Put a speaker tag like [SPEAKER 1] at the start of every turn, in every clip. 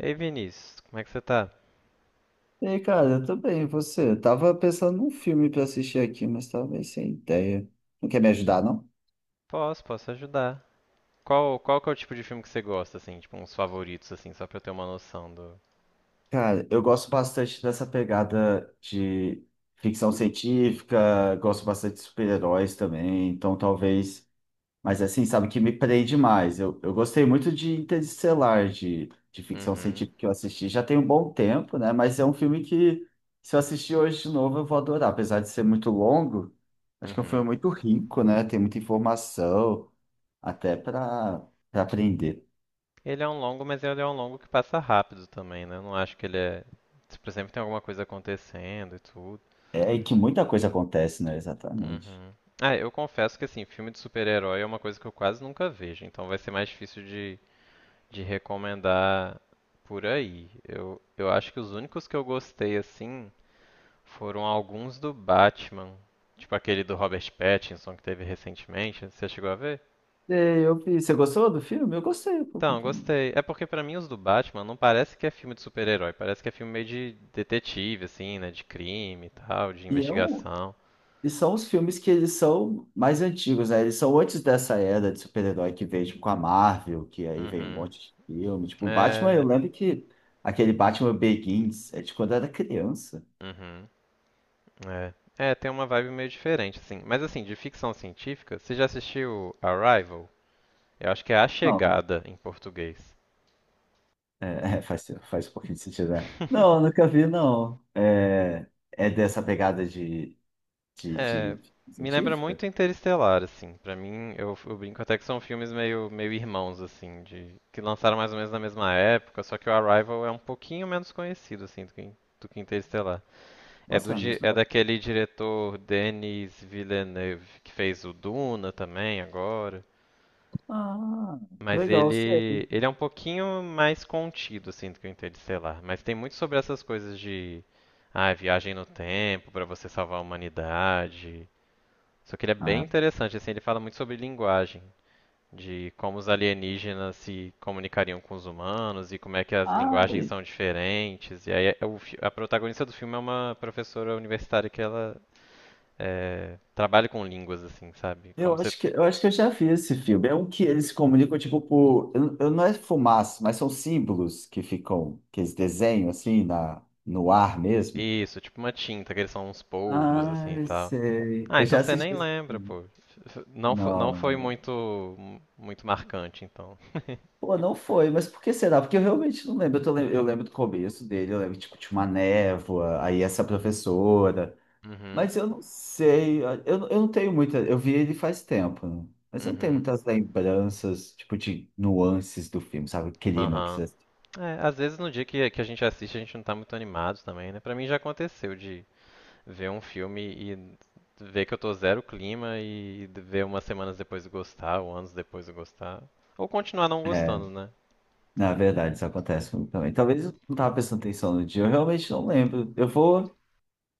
[SPEAKER 1] Ei, Vinícius, como é que você tá?
[SPEAKER 2] E aí, cara, eu tô bem, e você? Eu tava pensando num filme pra assistir aqui, mas tava meio sem ideia. Não quer me ajudar, não?
[SPEAKER 1] Posso ajudar. Qual que é o tipo de filme que você gosta, assim? Tipo, uns favoritos, assim, só pra eu ter uma noção do...
[SPEAKER 2] Cara, eu gosto bastante dessa pegada de ficção científica, gosto bastante de super-heróis também, então talvez. Mas assim, sabe, que me prende mais. Eu gostei muito de Interestelar, de ficção
[SPEAKER 1] Uhum,
[SPEAKER 2] científica que eu assisti. Já tem um bom tempo, né? Mas é um filme que, se eu assistir hoje de novo, eu vou adorar. Apesar de ser muito longo, acho que é um filme
[SPEAKER 1] uhum.
[SPEAKER 2] muito rico, né? Tem muita informação, até para aprender.
[SPEAKER 1] Ele é um longo, mas ele é um longo que passa rápido também, né? Eu não acho que ele é... Tipo, sempre tem alguma coisa acontecendo e tudo.
[SPEAKER 2] É, e que muita coisa acontece, né? Exatamente.
[SPEAKER 1] Uhum. Ah, eu confesso que, assim, filme de super-herói é uma coisa que eu quase nunca vejo, então vai ser mais difícil de recomendar por aí. Eu acho que os únicos que eu gostei, assim... Foram alguns do Batman. Tipo aquele do Robert Pattinson que teve recentemente. Você chegou a ver?
[SPEAKER 2] É, eu vi. Você gostou do filme? Eu gostei, pô,
[SPEAKER 1] Então,
[SPEAKER 2] então.
[SPEAKER 1] gostei. É porque pra mim os do Batman não parece que é filme de super-herói. Parece que é filme meio de detetive, assim, né? De crime e tal, de
[SPEAKER 2] E é um,
[SPEAKER 1] investigação.
[SPEAKER 2] E são os filmes que eles são mais antigos, né? Eles são antes dessa era de super-herói que veio, tipo, com a Marvel, que aí veio um
[SPEAKER 1] Uhum.
[SPEAKER 2] monte de filme. Tipo, Batman,
[SPEAKER 1] É.
[SPEAKER 2] eu lembro que aquele Batman Begins é de quando eu era criança.
[SPEAKER 1] Uhum. É, É, tem uma vibe meio diferente, assim. Mas assim, de ficção científica, você já assistiu Arrival? Eu acho que é A
[SPEAKER 2] Não,
[SPEAKER 1] Chegada em português.
[SPEAKER 2] é, é, faz um pouquinho de sentido, né? Não, eu nunca vi, não. É, é dessa pegada de,
[SPEAKER 1] É,
[SPEAKER 2] de
[SPEAKER 1] me lembra
[SPEAKER 2] científica?
[SPEAKER 1] muito Interestelar, assim. Pra mim, eu brinco até que são filmes meio, meio irmãos, assim, de que lançaram mais ou menos na mesma época, só que o Arrival é um pouquinho menos conhecido, assim, do que Interestelar. É do
[SPEAKER 2] Nossa, na mesma
[SPEAKER 1] é
[SPEAKER 2] época.
[SPEAKER 1] daquele diretor Denis Villeneuve que fez o Duna também agora,
[SPEAKER 2] Ah, que
[SPEAKER 1] mas
[SPEAKER 2] legal,
[SPEAKER 1] ele
[SPEAKER 2] sério.
[SPEAKER 1] ele é um pouquinho mais contido, assim, do que o Interestelar. Mas tem muito sobre essas coisas de ah, viagem no tempo pra você salvar a humanidade. Só que ele é bem
[SPEAKER 2] Ah,
[SPEAKER 1] interessante, assim, ele fala muito sobre linguagem, de como os alienígenas se comunicariam com os humanos e como é que as linguagens
[SPEAKER 2] ai,
[SPEAKER 1] são diferentes. E aí é o a protagonista do filme é uma professora universitária que ela é, trabalha com línguas, assim, sabe?
[SPEAKER 2] eu
[SPEAKER 1] Como você...
[SPEAKER 2] acho que, eu já vi esse filme. É um que eles se comunicam, tipo, por. Eu não é fumaça, mas são símbolos que ficam, que eles desenham assim na, no ar mesmo.
[SPEAKER 1] Isso, tipo uma tinta, que eles são uns polvos, assim, e
[SPEAKER 2] Ai,
[SPEAKER 1] tal.
[SPEAKER 2] sei.
[SPEAKER 1] Ah,
[SPEAKER 2] Eu
[SPEAKER 1] então
[SPEAKER 2] já
[SPEAKER 1] você
[SPEAKER 2] assisti
[SPEAKER 1] nem
[SPEAKER 2] esse
[SPEAKER 1] lembra,
[SPEAKER 2] filme.
[SPEAKER 1] pô. Não, não
[SPEAKER 2] Não,
[SPEAKER 1] foi
[SPEAKER 2] não.
[SPEAKER 1] muito, muito marcante, então.
[SPEAKER 2] Pô, não foi, mas por que será? Porque eu realmente não lembro. Eu, eu lembro do começo dele, eu lembro, tipo, de uma névoa, aí essa professora.
[SPEAKER 1] Uhum,
[SPEAKER 2] Mas eu não sei, eu não tenho muita. Eu vi ele faz tempo, né? Mas eu não tenho
[SPEAKER 1] uhum,
[SPEAKER 2] muitas lembranças, tipo, de nuances do filme, sabe? O clima que
[SPEAKER 1] aham.
[SPEAKER 2] você.
[SPEAKER 1] É, às vezes no dia que a gente assiste, a gente não tá muito animado também, né? Pra mim já aconteceu de ver um filme e ver que eu tô zero clima e ver umas semanas depois de gostar, ou anos depois de gostar. Ou continuar não
[SPEAKER 2] É,
[SPEAKER 1] gostando, né? Tudo
[SPEAKER 2] na
[SPEAKER 1] bem.
[SPEAKER 2] verdade, isso acontece comigo também. Talvez eu não tava prestando atenção no dia, eu realmente não lembro.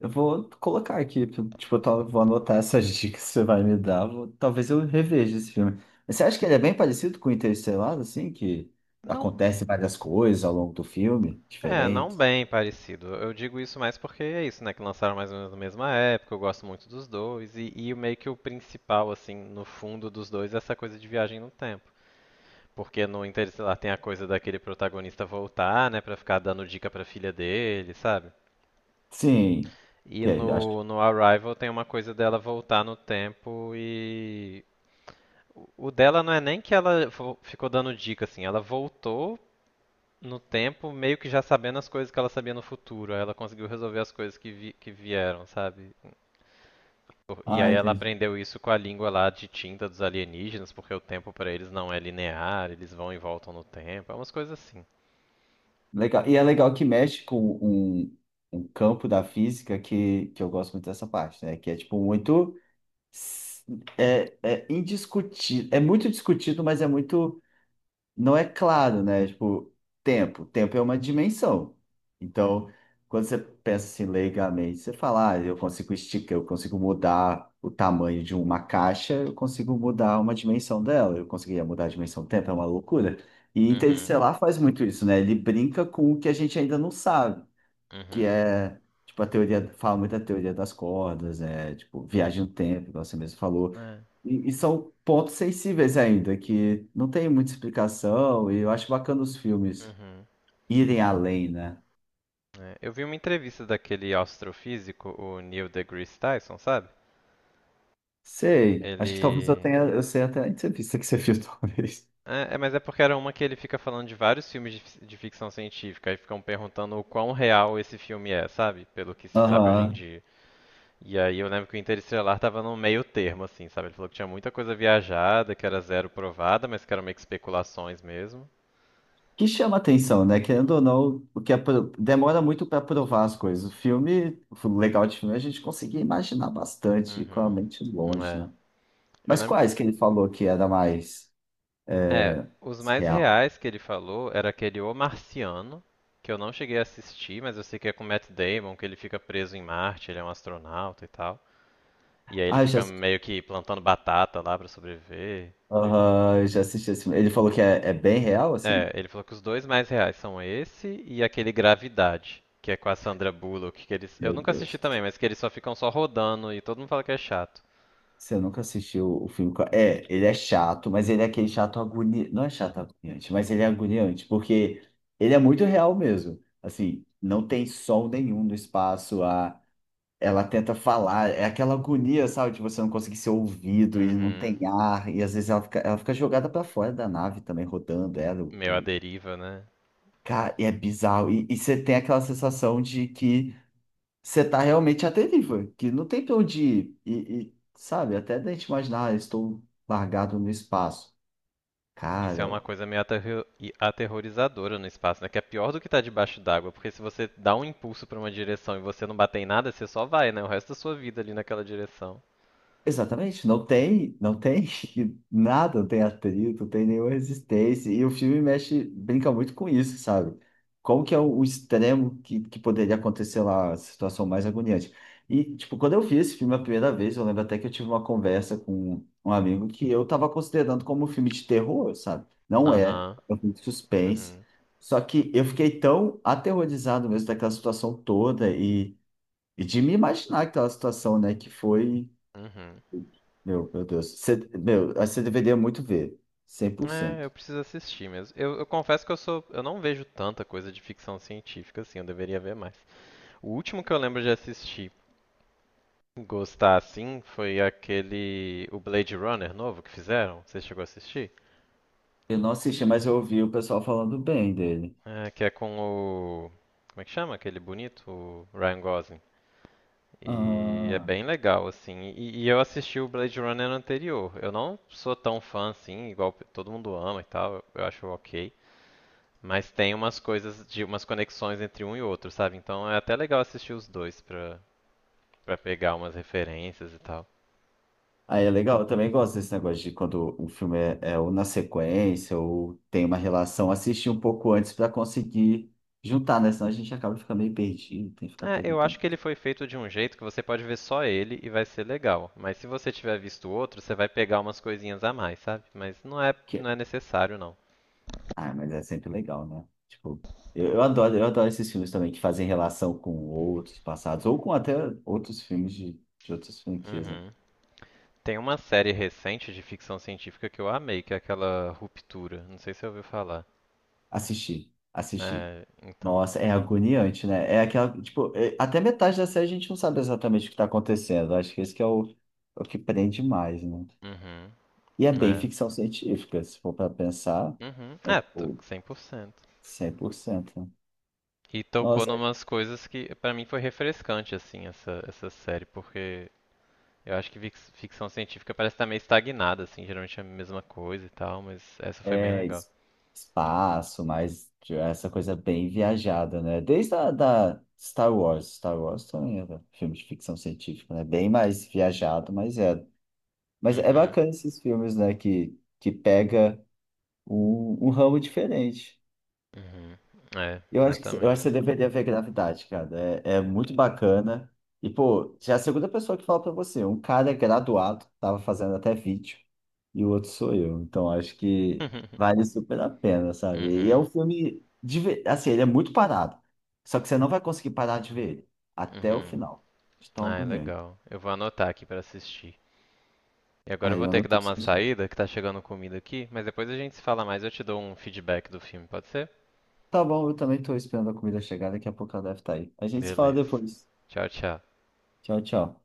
[SPEAKER 2] Eu vou colocar aqui, tipo, vou anotar essas dicas que você vai me dar. Talvez eu reveja esse filme. Mas você acha que ele é bem parecido com Interestelar, assim, que
[SPEAKER 1] Não,
[SPEAKER 2] acontece várias coisas ao longo do filme,
[SPEAKER 1] é, não
[SPEAKER 2] diferentes?
[SPEAKER 1] bem parecido. Eu digo isso mais porque é isso, né? Que lançaram mais ou menos na mesma época, eu gosto muito dos dois, e meio que o principal, assim, no fundo dos dois é essa coisa de viagem no tempo. Porque no Interestelar tem a coisa daquele protagonista voltar, né, pra ficar dando dica pra filha dele, sabe?
[SPEAKER 2] Sim.
[SPEAKER 1] E
[SPEAKER 2] Que, acho...
[SPEAKER 1] no, no Arrival tem uma coisa dela voltar no tempo e. O dela não é nem que ela ficou dando dica, assim, ela voltou no tempo meio que já sabendo as coisas que ela sabia no futuro. Aí ela conseguiu resolver as coisas que, vi, que vieram, sabe? E aí
[SPEAKER 2] Ah,
[SPEAKER 1] ela
[SPEAKER 2] entendi.
[SPEAKER 1] aprendeu isso com a língua lá de tinta dos alienígenas, porque o tempo pra eles não é linear, eles vão e voltam no tempo, é umas coisas assim.
[SPEAKER 2] Legal. E é legal que mexe com um, um campo da física que eu gosto muito dessa parte, né? Que é tipo muito s- é, é indiscutido, é muito discutido, mas é muito não é claro, né? Tipo, tempo. Tempo é uma dimensão. Então, quando você pensa assim leigamente, você fala, ah, eu consigo esticar, eu consigo mudar o tamanho de uma caixa, eu consigo mudar uma dimensão dela, eu conseguiria mudar a dimensão do tempo, é uma loucura. E
[SPEAKER 1] Uhum,
[SPEAKER 2] Interestelar faz muito isso, né? Ele brinca com o que a gente ainda não sabe que
[SPEAKER 1] uhum.
[SPEAKER 2] é tipo a teoria, fala muito da teoria das cordas, é tipo viagem no tempo, igual você mesmo falou.
[SPEAKER 1] É.
[SPEAKER 2] E são pontos sensíveis ainda, que não tem muita explicação, e eu acho bacana os filmes
[SPEAKER 1] Uhum.
[SPEAKER 2] irem além, né?
[SPEAKER 1] É. Eu vi uma entrevista daquele astrofísico, o Neil deGrasse Tyson, sabe?
[SPEAKER 2] Sei, acho que talvez eu
[SPEAKER 1] Ele.
[SPEAKER 2] tenha, eu sei até a entrevista que você fez talvez.
[SPEAKER 1] É, é, mas é porque era uma que ele fica falando de vários filmes de, de ficção científica e ficam perguntando o quão real esse filme é, sabe? Pelo que se sabe hoje em
[SPEAKER 2] Aham.
[SPEAKER 1] dia. E aí eu lembro que o Interestelar tava no meio termo, assim, sabe? Ele falou que tinha muita coisa viajada, que era zero provada, mas que eram meio que especulações mesmo.
[SPEAKER 2] Que chama atenção, né? Querendo ou não, o que é demora muito para provar as coisas. O filme, o legal de filme é a gente conseguir imaginar bastante com a
[SPEAKER 1] Uhum.
[SPEAKER 2] mente longe,
[SPEAKER 1] É.
[SPEAKER 2] né?
[SPEAKER 1] Eu
[SPEAKER 2] Mas
[SPEAKER 1] lembro que
[SPEAKER 2] quais que ele falou que era mais?
[SPEAKER 1] é, os mais
[SPEAKER 2] Real.
[SPEAKER 1] reais que ele falou era aquele O Marciano, que eu não cheguei a assistir, mas eu sei que é com Matt Damon, que ele fica preso em Marte, ele é um astronauta e tal. E aí ele
[SPEAKER 2] Ah, eu já,
[SPEAKER 1] fica
[SPEAKER 2] assisti-
[SPEAKER 1] meio que plantando batata lá pra sobreviver.
[SPEAKER 2] Aham, eu já assisti esse filme. Ele falou que é, é bem real,
[SPEAKER 1] É,
[SPEAKER 2] assim?
[SPEAKER 1] ele falou que os dois mais reais são esse e aquele Gravidade, que é com a Sandra Bullock, que eles. Eu
[SPEAKER 2] Meu
[SPEAKER 1] nunca assisti
[SPEAKER 2] Deus.
[SPEAKER 1] também, mas que eles só ficam só rodando e todo mundo fala que é chato.
[SPEAKER 2] Você nunca assistiu o filme. É, ele é chato, mas ele é aquele chato agoniante. Não é chato agoniante, mas ele é agoniante, porque ele é muito real mesmo. Assim, não tem sol nenhum no espaço. A... Ela tenta falar, é aquela agonia, sabe? De você não conseguir ser ouvido e não tem
[SPEAKER 1] Uhum.
[SPEAKER 2] ar. E às vezes ela fica jogada para fora da nave também, rodando ela.
[SPEAKER 1] Meu, a deriva, né?
[SPEAKER 2] Cara, e é bizarro. E você tem aquela sensação de que você tá realmente atentivo, que não tem pra onde ir. E, sabe, até da gente imaginar, ah, estou largado no espaço.
[SPEAKER 1] Isso é
[SPEAKER 2] Cara,
[SPEAKER 1] uma coisa meio aterrorizadora no espaço, né? Que é pior do que estar debaixo d'água, porque se você dá um impulso pra uma direção e você não bater em nada, você só vai, né? O resto da sua vida ali naquela direção.
[SPEAKER 2] exatamente, não tem, não tem nada, não tem atrito, não tem nenhuma resistência. E o filme mexe, brinca muito com isso, sabe? Como que é o extremo que poderia acontecer lá, a situação mais agoniante. E, tipo, quando eu vi esse filme a primeira vez, eu lembro até que eu tive uma conversa com um amigo que eu tava considerando como um filme de terror, sabe? Não é,
[SPEAKER 1] Aham.
[SPEAKER 2] é um filme de suspense.
[SPEAKER 1] Uhum.
[SPEAKER 2] Só que eu fiquei tão aterrorizado mesmo daquela situação toda e de me imaginar aquela situação, né? Que foi.
[SPEAKER 1] Uhum.
[SPEAKER 2] Meu Deus. Você, meu, aí você deveria muito ver. Cem por
[SPEAKER 1] É, eu
[SPEAKER 2] cento.
[SPEAKER 1] preciso assistir mesmo. Eu confesso que eu sou, eu não vejo tanta coisa de ficção científica assim, eu deveria ver mais. O último que eu lembro de assistir, gostar assim, foi aquele o Blade Runner novo que fizeram. Você chegou a assistir?
[SPEAKER 2] Eu não assisti, mas eu ouvi o pessoal falando bem dele.
[SPEAKER 1] É, que é com o. Como é que chama aquele bonito? O Ryan Gosling. E é
[SPEAKER 2] Ah,
[SPEAKER 1] bem legal, assim. E eu assisti o Blade Runner anterior. Eu não sou tão fã assim, igual todo mundo ama e tal, eu acho ok. Mas tem umas coisas, de umas conexões entre um e outro, sabe? Então é até legal assistir os dois pra, pra pegar umas referências e tal.
[SPEAKER 2] aí é legal. Eu também gosto desse negócio de quando o filme é, é ou na sequência ou tem uma relação. Assistir um pouco antes para conseguir juntar, né? Senão a gente acaba ficando meio perdido, tem que ficar
[SPEAKER 1] É, eu acho
[SPEAKER 2] perguntando
[SPEAKER 1] que ele foi feito de um jeito que você pode ver só ele e vai ser legal. Mas se você tiver visto outro, você vai pegar umas coisinhas a mais, sabe? Mas não é,
[SPEAKER 2] o que é.
[SPEAKER 1] não é necessário, não.
[SPEAKER 2] Ah, mas é sempre legal, né? Tipo, eu, eu adoro esses filmes também que fazem relação com outros passados ou com até outros filmes de outras franquias, né?
[SPEAKER 1] Uhum. Tem uma série recente de ficção científica que eu amei, que é aquela Ruptura. Não sei se você ouviu falar.
[SPEAKER 2] Assisti, assisti.
[SPEAKER 1] É, então.
[SPEAKER 2] Nossa, é agoniante, né? É aquela, tipo, até metade da série a gente não sabe exatamente o que tá acontecendo. Acho que esse que é o, é o que prende mais, né?
[SPEAKER 1] Uhum.
[SPEAKER 2] E é bem
[SPEAKER 1] É.
[SPEAKER 2] ficção científica, se for para pensar,
[SPEAKER 1] Uhum.
[SPEAKER 2] é
[SPEAKER 1] É, tô
[SPEAKER 2] tipo
[SPEAKER 1] 100%.
[SPEAKER 2] 100%. Né?
[SPEAKER 1] E tocou
[SPEAKER 2] Nossa,
[SPEAKER 1] numas coisas que pra mim foi refrescante assim essa série, porque eu acho que ficção científica parece estar meio estagnada assim, geralmente é a mesma coisa e tal, mas essa foi bem
[SPEAKER 2] é
[SPEAKER 1] legal.
[SPEAKER 2] es- espaço, mas tipo, essa coisa bem viajada, né? Desde a da Star Wars. Star Wars também era filme de ficção científica, né? Bem mais viajado, mas é. Mas é
[SPEAKER 1] Uhum.
[SPEAKER 2] bacana esses filmes, né? Que pega um, um ramo diferente.
[SPEAKER 1] Uhum. É,
[SPEAKER 2] Eu acho que, eu acho que você
[SPEAKER 1] exatamente.
[SPEAKER 2] deveria ver Gravidade, cara. É, é muito bacana. E, pô, já é a segunda pessoa que fala pra você. Um cara é graduado, tava fazendo até vídeo, e o outro sou eu. Então, acho que vale super a pena, sabe? E é um
[SPEAKER 1] Uhum.
[SPEAKER 2] filme, de, assim, ele é muito parado. Só que você não vai conseguir parar de ver ele até o
[SPEAKER 1] Uhum.
[SPEAKER 2] final. De tão
[SPEAKER 1] Ah, é
[SPEAKER 2] agoniante.
[SPEAKER 1] legal. Eu vou anotar aqui pra assistir. E agora eu
[SPEAKER 2] Aí
[SPEAKER 1] vou
[SPEAKER 2] eu
[SPEAKER 1] ter que dar
[SPEAKER 2] anotei isso
[SPEAKER 1] uma
[SPEAKER 2] aqui.
[SPEAKER 1] saída, que tá chegando comida aqui, mas depois a gente se fala mais, eu te dou um feedback do filme, pode ser?
[SPEAKER 2] Tá bom, eu também tô esperando a comida chegar. Daqui a pouco ela deve estar aí. A gente se fala
[SPEAKER 1] Beleza.
[SPEAKER 2] depois.
[SPEAKER 1] Tchau, tchau.
[SPEAKER 2] Tchau, tchau.